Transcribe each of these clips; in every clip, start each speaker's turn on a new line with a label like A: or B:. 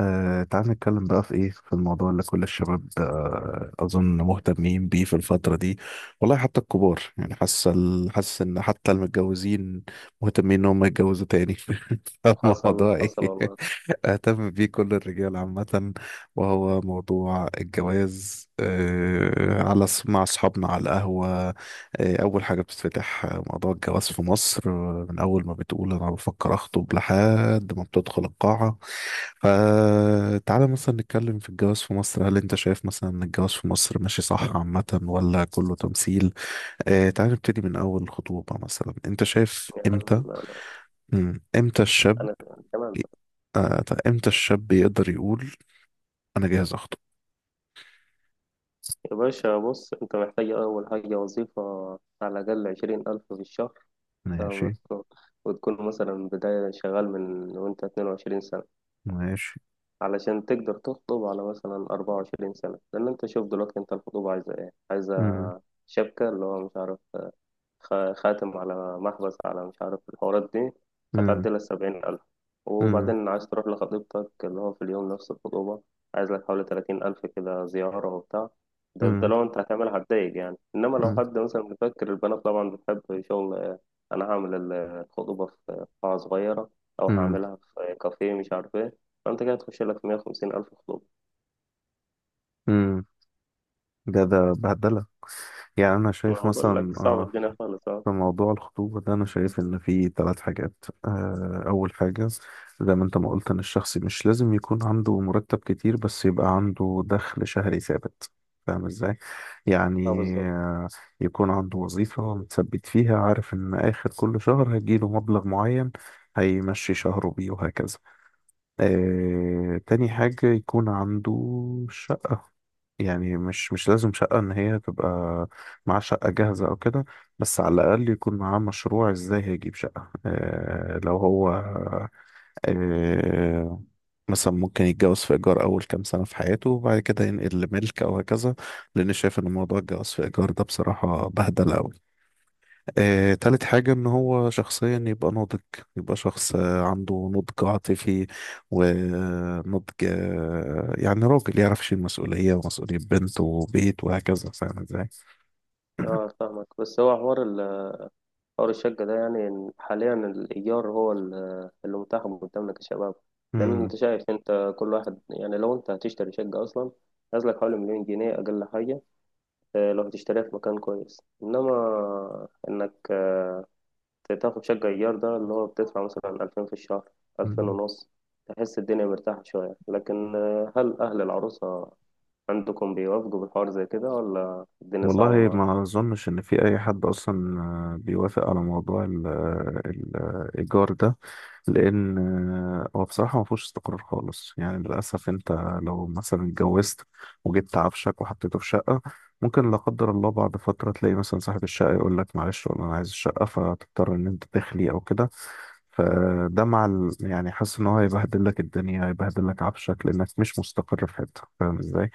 A: تعال نتكلم بقى في ايه في الموضوع اللي كل الشباب اظن مهتمين بيه في الفترة دي. والله حتى الكبار يعني حاسس حاسس ان حتى المتجوزين مهتمين ان هم يتجوزوا تاني
B: حصل
A: فالموضوع ايه؟
B: حصل والله.
A: اهتم بيه كل الرجال عامة. وهو موضوع الجواز مع اصحابنا على القهوة. اول حاجة بتتفتح، موضوع الجواز في مصر، من اول ما بتقول انا بفكر اخطب لحد ما بتدخل القاعة. فتعالى مثلا نتكلم في الجواز في مصر. هل انت شايف مثلا ان الجواز في مصر ماشي صح عامة ولا كله تمثيل؟ اه تعالى نبتدي من اول خطوبة، مثلا انت شايف
B: يا عم،
A: امتى؟ امتى الشاب؟
B: أنا تمام.
A: طيب، امتى الشاب يقدر يقول انا جاهز اخطب؟
B: يا باشا بص، أنت محتاج أول حاجة وظيفة، على الأقل 20,000 في الشهر. تمام؟
A: ماشي.
B: وتكون مثلا بداية شغال من وأنت 22 سنة،
A: ماشي.
B: علشان تقدر تخطب على مثلا 24 سنة. لأن أنت شوف دلوقتي، أنت الخطوبة عايزة إيه؟ عايزة
A: مم.
B: شبكة، اللي هو مش عارف، خاتم على محبس على مش عارف الحوارات دي،
A: مم.
B: هتعدي لك 70,000.
A: مم.
B: وبعدين عايز تروح لخطيبتك اللي هو في اليوم نفس الخطوبة، عايز لك حوالي 30,000 كده، زيارة وبتاع. ده
A: مم.
B: لو أنت هتعملها هتضايق يعني، إنما لو
A: مم.
B: حد مثلا بيفكر، البنات طبعا بتحب شغل أنا هعمل الخطوبة في قاعة صغيرة، أو
A: مم.
B: هعملها في كافيه مش عارف إيه. فأنت كده تخش لك 150,000 خطوبة.
A: مم. ده بهدلة. يعني أنا شايف
B: أنا بقول
A: مثلا،
B: لك صعب، الدنيا خالص أه.
A: في موضوع الخطوبة ده أنا شايف إن فيه ثلاث حاجات. أول حاجة، زي ما أنت ما قلت، إن الشخص مش لازم يكون عنده مرتب كتير بس يبقى عنده دخل شهري ثابت. فاهم إزاي؟ يعني
B: بالظبط.
A: يكون عنده وظيفة متثبت فيها، عارف إن آخر كل شهر هيجيله مبلغ معين هيمشي شهره بيه وهكذا. تاني حاجة، يكون عنده شقة. يعني مش لازم شقة إن هي تبقى معاه شقة جاهزة أو كده، بس على الأقل يكون معاه مشروع إزاي هيجيب شقة. لو هو آه، مثلا ممكن يتجوز في إيجار أول كام سنة في حياته وبعد كده ينقل لملك أو هكذا، لأن شايف إن موضوع الجواز في إيجار ده بصراحة بهدلة أوي. تالت حاجة، إن هو شخصيا يبقى ناضج، يبقى شخص عنده نضج عاطفي ونضج، يعني راجل يعرف يشيل مسؤولية، ومسؤولية بنت وبيت وهكذا. فاهم ازاي؟
B: أه فاهمك، بس هو حوار، حوار الشقة ده يعني إن حاليا الإيجار هو اللي متاح قدامنا كشباب. لأن
A: مم.
B: أنت شايف، أنت كل واحد يعني لو أنت هتشتري شقة أصلا، نازلك حوالي 1,000,000 جنيه أقل حاجة لو هتشتريها في مكان كويس. إنما إنك تاخد شقة إيجار، ده اللي هو بتدفع مثلا 2,000 في الشهر، ألفين
A: مم.
B: ونص تحس الدنيا مرتاحة شوية. لكن هل أهل العروسة عندكم بيوافقوا بالحوار زي كده، ولا الدنيا صعبة
A: والله
B: معاهم؟
A: ما اظنش ان في اي حد اصلا بيوافق على موضوع الايجار ده، لان هو بصراحه ما فيهوش استقرار خالص يعني. للاسف انت لو مثلا اتجوزت وجبت عفشك وحطيته في شقه، ممكن لا قدر الله بعد فتره تلاقي مثلا صاحب الشقه يقول لك معلش والله انا عايز الشقه، فتضطر ان انت تخلي او كده. فده يعني حاسس ان هو هيبهدل لك الدنيا، هيبهدل لك عفشك لانك مش مستقر في حته. فاهم ازاي؟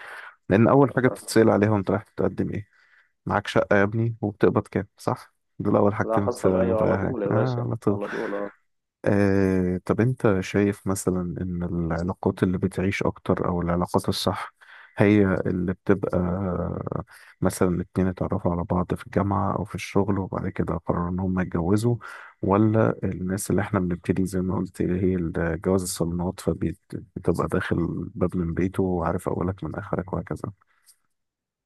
A: لان اول حاجه بتتسال عليها وانت رايح تقدم إيه؟ معاك شقة يا ابني؟ وبتقبض كام، صح؟ دول أول
B: لا
A: حاجتين
B: حصل،
A: بتسألهم
B: أيوة
A: في أي
B: على
A: حاجة،
B: طول يا باشا،
A: على طول.
B: على طول آه.
A: طب أنت شايف مثلا إن العلاقات اللي بتعيش أكتر، أو العلاقات الصح، هي اللي بتبقى مثلا اتنين اتعرفوا على بعض في الجامعة أو في الشغل وبعد كده قرروا إن هم يتجوزوا؟ ولا الناس اللي إحنا بنبتدي زي ما قلت، اللي هي جواز الصالونات، فبتبقى داخل الباب من بيته وعارف أولك من آخرك وهكذا؟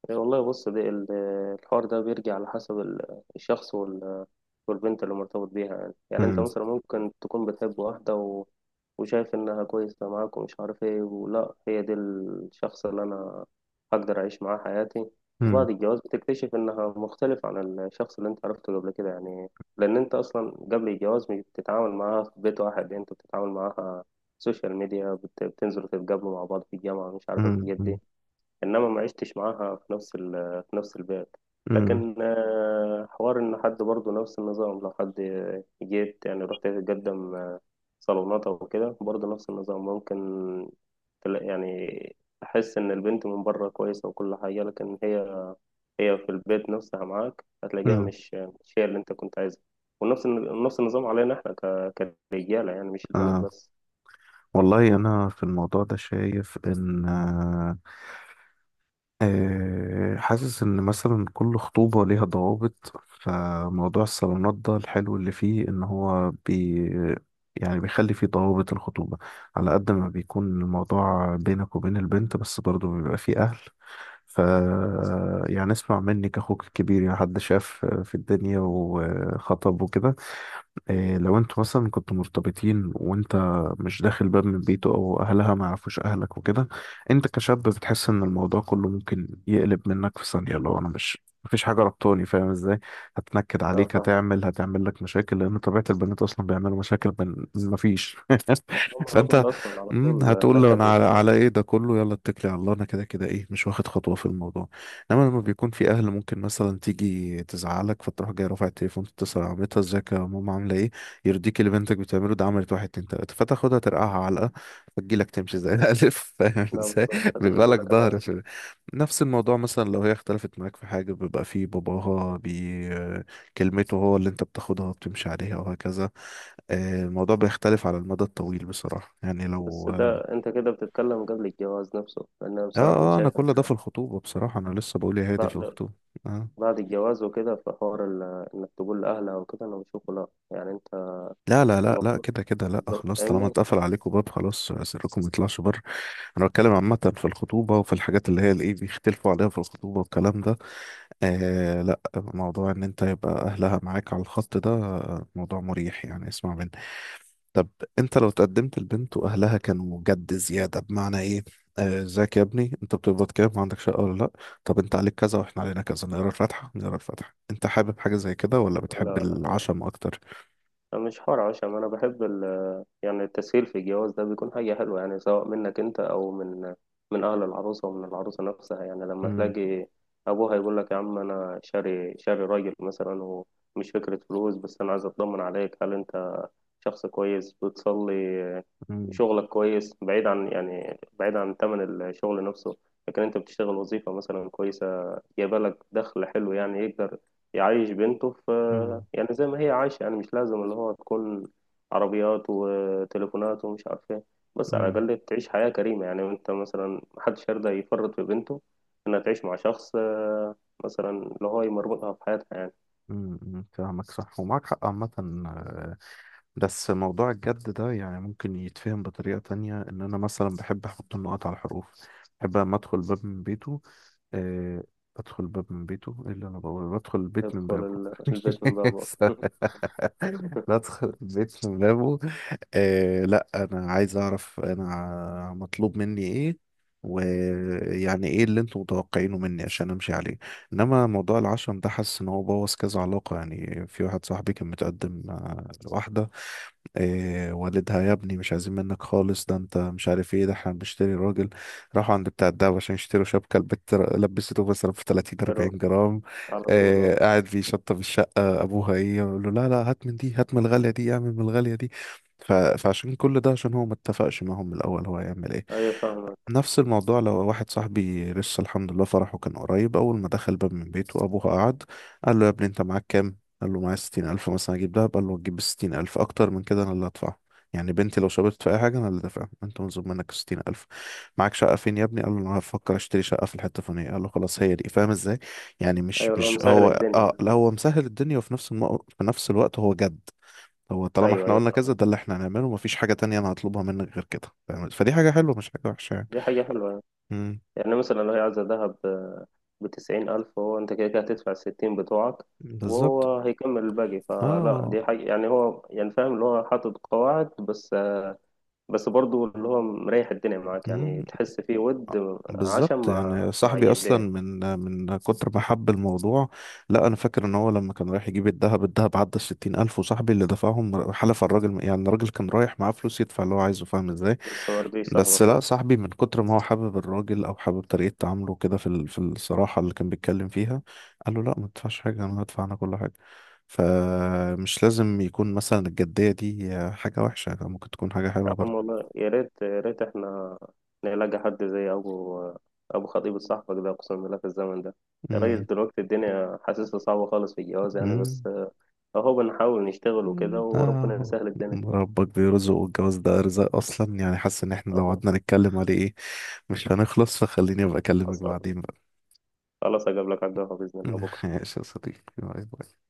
B: إيه، والله بص، الحوار ده بيرجع على حسب الشخص والبنت اللي مرتبط بيها. يعني يعني انت
A: مم.
B: مثلا ممكن تكون بتحب واحدة و... وشايف انها كويسة معاك ومش عارف ايه، ولا هي دي الشخص اللي انا هقدر اعيش معاه حياتي.
A: مم.
B: وبعد الجواز بتكتشف انها مختلف عن الشخص اللي انت عرفته قبل كده. يعني لان انت اصلا قبل الجواز مش بتتعامل معاها في بيت واحد، انت بتتعامل معاها سوشيال ميديا، بتنزلوا تتقابلوا مع بعض في الجامعة، مش عارف الحاجات دي.
A: مم.
B: انما ما عشتش معاها في نفس ال في نفس البيت.
A: مم.
B: لكن حوار ان حد برضه نفس النظام، لو حد جيت يعني رحت تقدم صالونات او كده، برضه نفس النظام ممكن يعني تحس ان البنت من بره كويسه وكل حاجه، لكن هي هي في البيت نفسها معاك هتلاقيها
A: مم.
B: مش هي اللي انت كنت عايزها. ونفس نفس النظام علينا احنا كرجاله، يعني مش البنات
A: آه
B: بس.
A: والله أنا في الموضوع ده شايف إن، حاسس إن مثلا كل خطوبة ليها ضوابط. فموضوع الصالونات ده الحلو اللي فيه إن هو يعني بيخلي فيه ضوابط الخطوبة، على قد ما بيكون الموضوع بينك وبين البنت بس برضه بيبقى فيه أهل. ف يعني اسمع مني كأخوك الكبير، يعني حد شاف في الدنيا وخطب وكده. إيه لو انتوا مثلا كنتوا مرتبطين وانت مش داخل باب من بيته، او اهلها ما يعرفوش اهلك وكده، انت كشاب بتحس ان الموضوع كله ممكن يقلب منك في ثانية لو انا مش مفيش حاجة ربطاني. فاهم ازاي؟ هتنكد
B: اه
A: عليك،
B: فاهمك.
A: هتعمل لك مشاكل، لان طبيعة البنات اصلا بيعملوا مشاكل من مفيش.
B: هم على
A: فانت
B: طول اصلا، على طول
A: هتقول له
B: نكد
A: انا على,
B: وكده.
A: على ايه ده كله؟ يلا اتكلي على الله، انا كده كده ايه مش واخد خطوة في الموضوع. انما لما بيكون في اهل، ممكن مثلا تيجي تزعلك، فتروح جاي رافع التليفون تتصل على مامتها: ازيك يا ماما؟ عامله ايه؟ يرضيك اللي بنتك بتعمله ده؟ عملت واحد اتنين تلاته. فتاخدها ترقعها علقه، فتجيلك تمشي زي الالف. فاهم
B: لا
A: ازاي؟
B: بالظبط، هتيجي
A: بيبقى
B: يقول
A: لك
B: لك انا
A: ظهر
B: اسف.
A: في نفس الموضوع. مثلا لو هي اختلفت معاك في حاجه بيبقى في باباها، كلمته هو اللي انت بتاخدها وبتمشي عليها وهكذا. الموضوع بيختلف على المدى الطويل بصراحه، يعني لو
B: بس ده انت كده بتتكلم قبل الجواز نفسه، لان انا بصراحه انا
A: اه انا
B: شايف
A: كل
B: ان
A: ده في الخطوبه بصراحه، انا لسه بقول يا هادي في
B: بعد
A: الخطوبه. اه.
B: بعد الجواز وكده، في حوار انك تقول لاهلها وكده، انا بشوفه لا يعني. انت
A: لا لا لا لا،
B: المفروض،
A: كده كده لا،
B: بالظبط
A: خلاص طالما
B: فاهمني.
A: اتقفل عليكم باب خلاص، سركم ما يطلعش بره. انا بتكلم عامة في الخطوبة وفي الحاجات اللي هي الايه بيختلفوا عليها في الخطوبة والكلام ده. لا، موضوع ان انت يبقى اهلها معاك على الخط ده موضوع مريح، يعني اسمع مني. طب انت لو تقدمت لبنت واهلها كانوا جد زيادة، بمعنى ايه؟ ازيك يا ابني؟ انت بتقبض كام؟ وعندك شقه ولا لا؟ طب انت عليك كذا واحنا علينا كذا، نقرا الفاتحه نقرا الفاتحه. انت حابب حاجه زي كده ولا
B: لا
A: بتحب
B: لا،
A: العشم اكتر؟
B: مش حوار عشان انا بحب ال، يعني التسهيل في الجواز ده بيكون حاجة حلوة، يعني سواء منك انت او من من اهل العروسة ومن العروسة نفسها. يعني لما تلاقي ابوها يقول لك يا عم، انا شاري شاري راجل مثلا، ومش فكرة فلوس بس، انا عايز اطمن عليك، هل انت شخص كويس، بتصلي، شغلك كويس، بعيد عن يعني بعيد عن ثمن الشغل نفسه، لكن انت بتشتغل وظيفة مثلا كويسة جايبه لك دخل حلو، يعني يقدر يعيش بنته في،
A: امم
B: يعني زي ما هي عايشة. يعني مش لازم اللي هو تكون عربيات وتليفونات ومش عارف ايه، بس على
A: امم
B: الأقل تعيش حياة كريمة. يعني انت مثلا محدش يرضى يفرط في بنته انها تعيش مع شخص مثلا اللي هو يمرمطها في حياتها يعني.
A: فاهمك صح، ومعاك حق عامة. آه، بس موضوع الجد ده يعني ممكن يتفهم بطريقة تانية، إن أنا مثلا بحب أحط النقط على الحروف، بحب لما أدخل باب من بيته. أه، أدخل باب من بيته، إيه اللي أنا بقوله؟ بدخل البيت من
B: يدخل
A: بابه.
B: البيت من بابه.
A: بدخل البيت من بابه. لا، انا عايز اعرف انا مطلوب مني ايه، ويعني ايه اللي انتم متوقعينه مني عشان امشي عليه. انما موضوع العشم ده حاسس ان هو بوظ كذا علاقة. يعني في واحد صاحبي كان متقدم لواحدة، إيه والدها يا ابني مش عايزين منك خالص، ده انت مش عارف ايه، ده احنا بنشتري راجل. راحوا عند بتاع الدهب عشان يشتروا شبكة البت لبسته مثلا في 30
B: يروح
A: 40 جرام.
B: على طول
A: إيه
B: آه.
A: قاعد بيشطب الشقة، ابوها ايه يقول له لا لا، هات من دي، هات من الغالية دي، اعمل من الغالية دي. فعشان كل ده، عشان هو ما اتفقش معاهم من الاول، هو هيعمل ايه؟
B: ايوه فاهمك.
A: نفس الموضوع لو واحد صاحبي لسه الحمد لله فرحه كان قريب، أول ما دخل باب من بيته أبوه قعد قال له: يا ابني أنت معاك كام؟ قال له معايا 60,000 مثلا أجيب دهب. قال له تجيب 60,000، أكتر من كده أنا اللي هدفعه. يعني بنتي لو شربت في أي حاجة أنا اللي دافعها. أنت مطلوب منك 60,000. معاك شقة فين يا ابني؟ قال له أنا هفكر أشتري شقة في الحتة الفلانية. قال له خلاص هي دي. فاهم إزاي؟ يعني مش
B: ايوه اللي هو
A: مش
B: مسهل
A: هو،
B: الدنيا.
A: لا، هو مسهل الدنيا وفي نفس في نفس الوقت هو جد. هو طالما
B: ايوه
A: احنا
B: ايوه
A: قلنا كذا، ده
B: فاهمك،
A: اللي احنا هنعمله، مفيش حاجة تانية أنا هطلبها منك غير كده. فاهم؟ فدي حاجة حلوة مش حاجة وحشة يعني.
B: دي حاجة حلوة.
A: مم.
B: يعني مثلا لو هي عايزة ذهب بـ90,000، هو أنت كده كده هتدفع الـ60 بتوعك،
A: بالظبط.
B: وهو هيكمل الباقي. فلا
A: اه.
B: دي حاجة يعني، هو يعني فاهم اللي هو حاطط قواعد، بس بس برضه اللي هو مريح الدنيا معاك،
A: مم.
B: يعني تحس فيه ود، عشم
A: بالظبط.
B: مع
A: يعني صاحبي اصلا
B: جدين.
A: من كتر ما حب الموضوع. لا، انا فاكر ان هو لما كان رايح يجيب الذهب، الذهب عدى الـ60,000، وصاحبي اللي دفعهم، حلف على الراجل. يعني الراجل كان رايح معاه فلوس يدفع اللي هو عايزه. فاهم ازاي؟
B: بس ما رضيش
A: بس
B: صاحبك
A: لا،
B: أه.
A: صاحبي من كتر ما هو حابب الراجل، او حابب طريقه تعامله كده في الصراحه اللي كان بيتكلم فيها، قال له لا ما تدفعش حاجه، انا هدفع انا كل حاجه. فمش لازم يكون مثلا الجديه دي حاجه وحشه، ممكن تكون حاجه
B: يا
A: حلوه
B: عم
A: برضه.
B: والله، يا ريت يا ريت احنا نلاقي حد زي أبو، خطيب صاحبك ده، أقسم بالله في الزمن ده. يا راجل دلوقتي الدنيا حاسسها صعبة خالص في الجواز يعني، بس
A: مم.
B: اهو بنحاول نشتغل وكده،
A: مم.
B: وربنا
A: آه.
B: يسهل الدنيا.
A: ربك بيرزق، والجواز ده رزق اصلا. يعني حاسس ان احنا لو
B: اهو
A: قعدنا نتكلم عليه ايه مش هنخلص، فخليني ابقى اكلمك
B: حصل.
A: بعدين بقى.
B: خلاص هجيب لك على القهوة بإذن الله بكرة.
A: ماشي يا صديقي، باي باي.